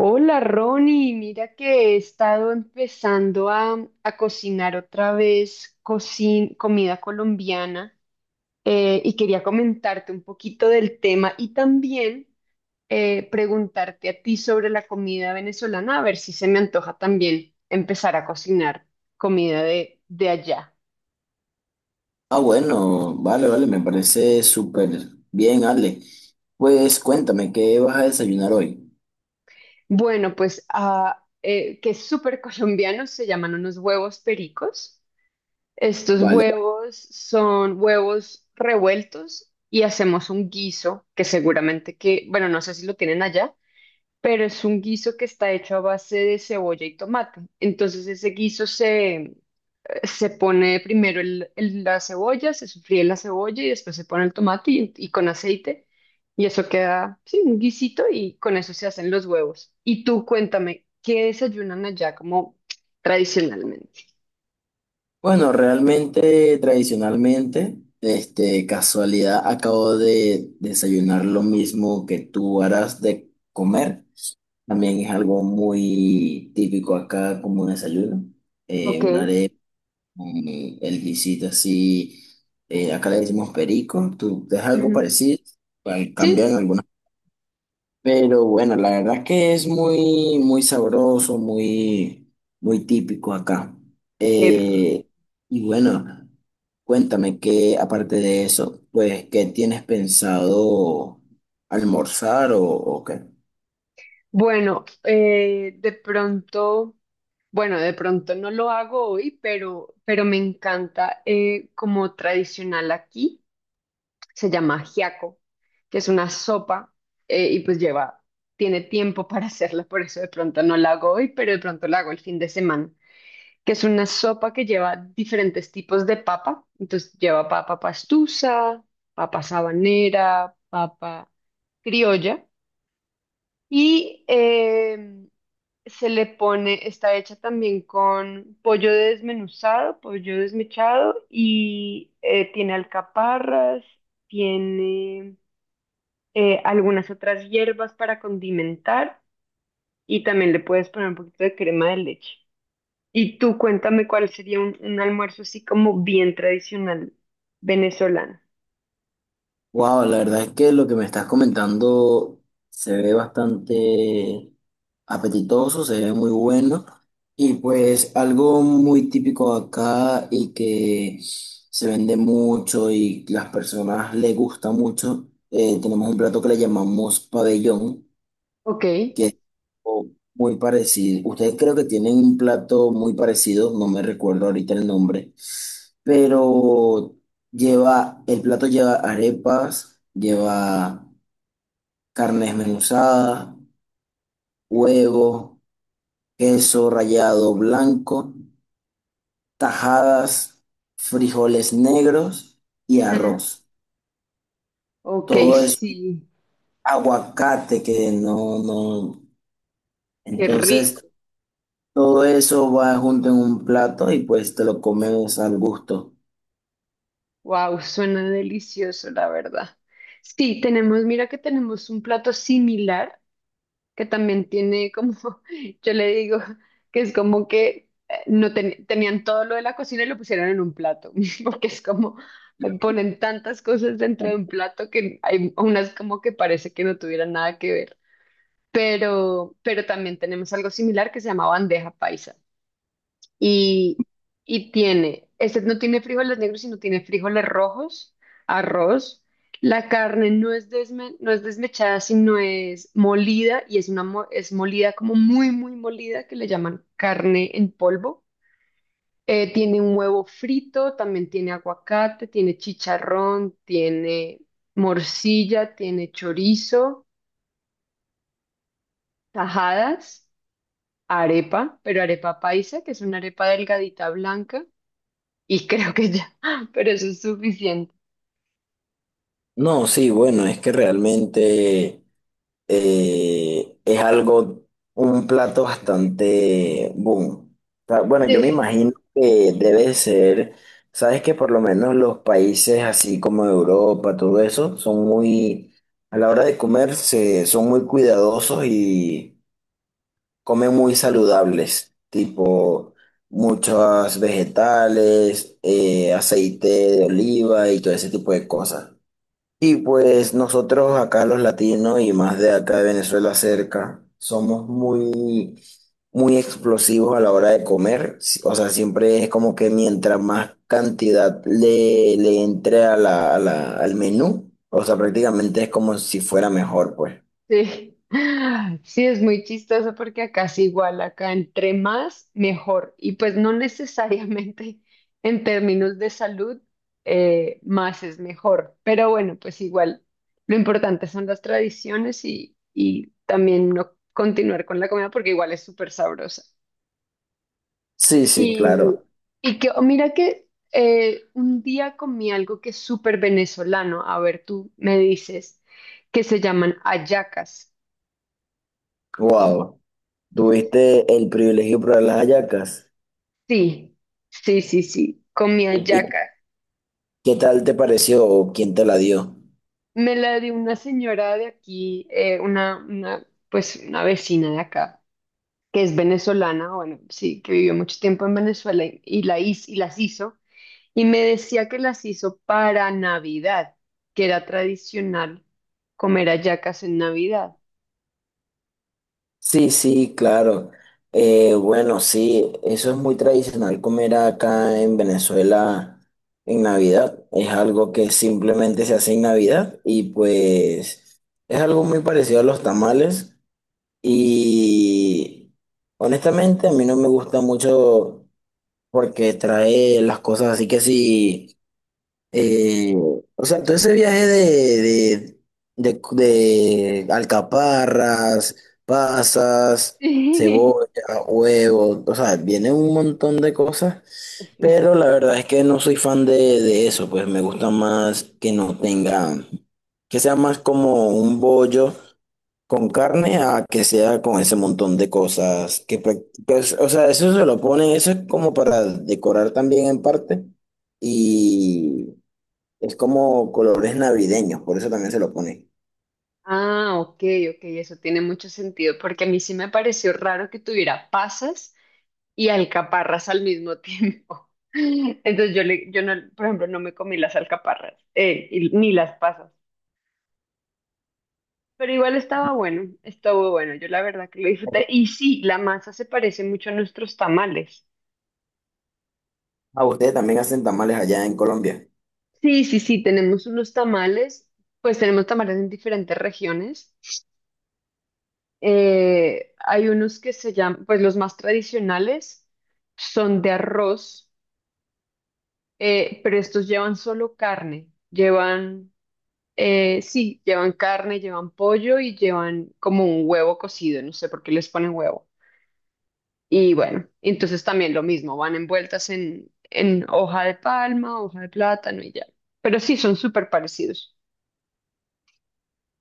Hola Ronnie, mira que he estado empezando a cocinar otra vez comida colombiana, y quería comentarte un poquito del tema y también preguntarte a ti sobre la comida venezolana, a ver si se me antoja también empezar a cocinar comida de allá. Ah, bueno, vale, vale, me parece súper bien, Ale. Pues cuéntame, ¿qué vas a desayunar hoy? Bueno, pues que es súper colombiano, se llaman unos huevos pericos. Estos Vale. huevos son huevos revueltos y hacemos un guiso que seguramente que, bueno, no sé si lo tienen allá, pero es un guiso que está hecho a base de cebolla y tomate. Entonces ese guiso se pone primero la cebolla, se sofríe la cebolla y después se pone el tomate y con aceite. Y eso queda, sí, un guisito y con eso se hacen los huevos. Y tú cuéntame, ¿qué desayunan allá como tradicionalmente? Bueno, realmente, tradicionalmente, este, casualidad, acabo de desayunar lo mismo que tú harás de comer. También es algo muy típico acá como desayuno. Ok. Una arepa, con el guisito así, acá le decimos perico, tú, es algo Ujú. parecido, cambian Sí, algunas. Pero bueno, la verdad es que es muy, muy sabroso, muy, muy típico acá. qué rico. Eh, y bueno, cuéntame que aparte de eso, pues, ¿qué tienes pensado almorzar o qué? Bueno, de pronto, bueno, de pronto no lo hago hoy, pero me encanta, como tradicional aquí, se llama ajiaco, que es una sopa, y pues lleva, tiene tiempo para hacerla, por eso de pronto no la hago hoy, pero de pronto la hago el fin de semana, que es una sopa que lleva diferentes tipos de papa, entonces lleva papa pastusa, papa sabanera, papa criolla. Y se le pone, está hecha también con pollo desmenuzado, pollo desmechado, y tiene alcaparras, tiene algunas otras hierbas para condimentar, y también le puedes poner un poquito de crema de leche. Y tú cuéntame cuál sería un almuerzo así como bien tradicional venezolano. Wow, la verdad es que lo que me estás comentando se ve bastante apetitoso, se ve muy bueno y pues algo muy típico acá y que se vende mucho y las personas le gusta mucho. Tenemos un plato que le llamamos pabellón, Ok. que o muy parecido. Ustedes creo que tienen un plato muy parecido, no me recuerdo ahorita el nombre, pero el plato lleva arepas, lleva carne desmenuzada, huevo, queso rallado blanco, tajadas, frijoles negros y Mm, arroz. ok, Todo eso, sí, aguacate que no, no. qué Entonces, rico. todo eso va junto en un plato y pues te lo comes al gusto. Wow, suena delicioso, la verdad. Sí, tenemos, mira que tenemos un plato similar que también tiene como, yo le digo que es como que, no ten- tenían todo lo de la cocina y lo pusieron en un plato, porque es como, ponen tantas cosas dentro de un plato que hay unas como que parece que no tuvieran nada que ver. Pero también tenemos algo similar que se llama bandeja paisa. Y, y tiene, este no tiene frijoles negros, sino tiene frijoles rojos, arroz. La carne no es, no es desmechada, sino es molida, y es, es molida como muy, muy molida, que le llaman carne en polvo. Tiene un huevo frito, también tiene aguacate, tiene chicharrón, tiene morcilla, tiene chorizo, tajadas, arepa, pero arepa paisa, que es una arepa delgadita blanca. Y creo que ya, pero eso es suficiente. No, sí, bueno, es que realmente es algo, un plato bastante boom. O sea, bueno, yo me Sí. imagino que debe ser, sabes que por lo menos los países así como Europa, todo eso, son muy, a la hora de comer, son muy cuidadosos y comen muy saludables, tipo muchos vegetales, aceite de oliva y todo ese tipo de cosas. Y pues nosotros acá los latinos y más de acá de Venezuela cerca, somos muy, muy explosivos a la hora de comer. O sea, siempre es como que mientras más cantidad le entre a la, al menú, o sea, prácticamente es como si fuera mejor, pues. Sí. Sí, es muy chistoso porque acá es igual, acá entre más, mejor. Y pues no necesariamente en términos de salud, más es mejor. Pero bueno, pues igual, lo importante son las tradiciones, y también no continuar con la comida porque igual es súper sabrosa. Sí, sí, Y, claro. Mira que un día comí algo que es súper venezolano, a ver, tú me dices, que se llaman hallacas. Wow. ¿Tuviste el privilegio de probar las hallacas? Sí, sí, comí ¿Y hallacas. qué tal te pareció o quién te la dio? Me la dio una señora de aquí, pues una vecina de acá, que es venezolana, bueno, sí, que vivió mucho tiempo en Venezuela, y las hizo, y me decía que las hizo para Navidad, que era tradicional comer hallacas en Navidad. Sí, sí, claro. Bueno, sí, eso es muy tradicional comer acá en Venezuela en Navidad. Es algo que simplemente se hace en Navidad y pues es algo muy parecido a los tamales. Y honestamente a mí no me gusta mucho porque trae las cosas así que sí. O sea, todo ese viaje de alcaparras, pasas, Sí. cebolla, huevos, o sea, viene un montón de cosas, pero la verdad es que no soy fan de eso, pues me gusta más que no tenga, que sea más como un bollo con carne a que sea con ese montón de cosas que, pues, o sea, eso se lo ponen, eso es como para decorar también en parte. Es como colores navideños, por eso también se lo ponen. Ah, ok, ok, eso tiene mucho sentido, porque a mí sí me pareció raro que tuviera pasas y alcaparras al mismo tiempo. Entonces yo no, por ejemplo, no me comí las alcaparras, ni las pasas, pero igual estaba bueno, estuvo bueno, yo la verdad que lo disfruté. Y sí, la masa se parece mucho a nuestros tamales. Ah, ustedes también hacen tamales allá en Colombia. Sí, tenemos unos tamales, pues tenemos tamales en diferentes regiones. Hay unos que se llaman, pues los más tradicionales son de arroz, pero estos llevan solo carne. Llevan, sí, llevan carne, llevan pollo y llevan como un huevo cocido, no sé por qué les ponen huevo. Y bueno, entonces también lo mismo, van envueltas en hoja de palma, hoja de plátano y ya. Pero sí, son súper parecidos.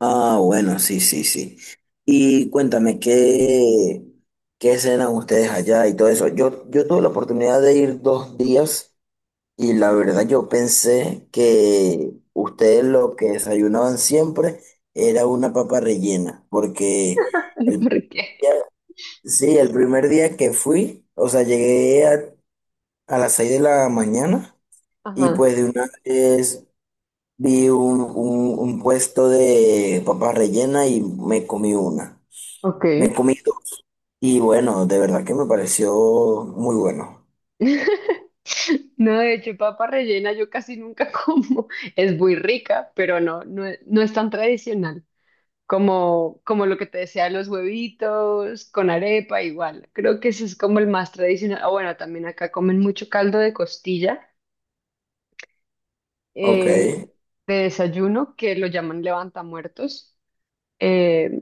Ah, bueno, sí, sí, sí. Y cuéntame, ¿qué, cenan ustedes allá y todo eso? Yo tuve la oportunidad de ir 2 días y la verdad yo pensé que ustedes lo que desayunaban siempre era una papa rellena, porque el, ¿Por qué? sí, el primer día que fui, o sea, llegué a las 6 de la mañana. Y Ajá, pues de una vez vi un puesto de papas rellenas y me comí una. ok. Me comí dos. Y bueno, de verdad que me pareció muy bueno. No, de hecho, papa rellena yo casi nunca como. Es muy rica, pero no, no, es no es tan tradicional como, como lo que te decía, los huevitos con arepa, igual. Creo que ese es como el más tradicional. Ah, bueno, también acá comen mucho caldo de costilla, Ok. eh, de desayuno, que lo llaman levantamuertos. Eh,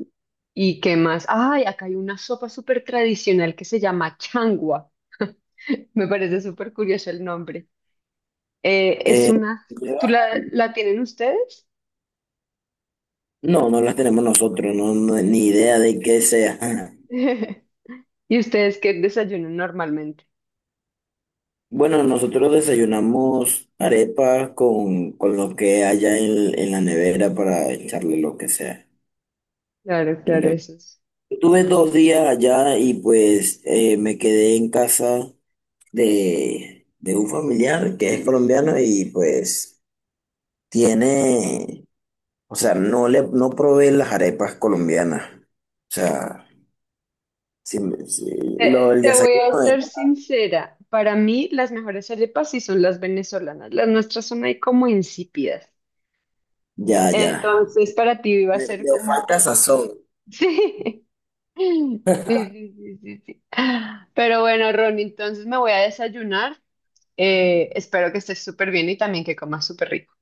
¿Y qué más? Ay, acá hay una sopa súper tradicional que se llama changua. Me parece súper curioso el nombre. Eh, es una, ¿Tú la tienen ustedes? No, no las tenemos nosotros, ni idea de qué sea. ¿Y ustedes qué desayunan normalmente? Bueno, nosotros desayunamos arepa con lo que haya en la nevera para echarle lo que sea. Claro, En claro, realidad, eso es. tuve 2 días allá y pues me quedé en casa. De un familiar que es colombiano y pues tiene, o sea, no le no provee las arepas colombianas. O sea, si- si- Te, el Te voy desayuno a ser sincera, para mí las mejores arepas sí son las venezolanas, las nuestras son ahí como insípidas. ya, ya. Entonces, para ti iba a Le, ser le falta como, sazón. sí, sí, sí, sí, sí, sí. Pero bueno, Ron, entonces me voy a desayunar. Espero que estés súper bien y también que comas súper rico.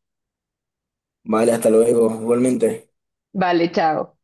Vale, hasta luego, igualmente. Vale, chao.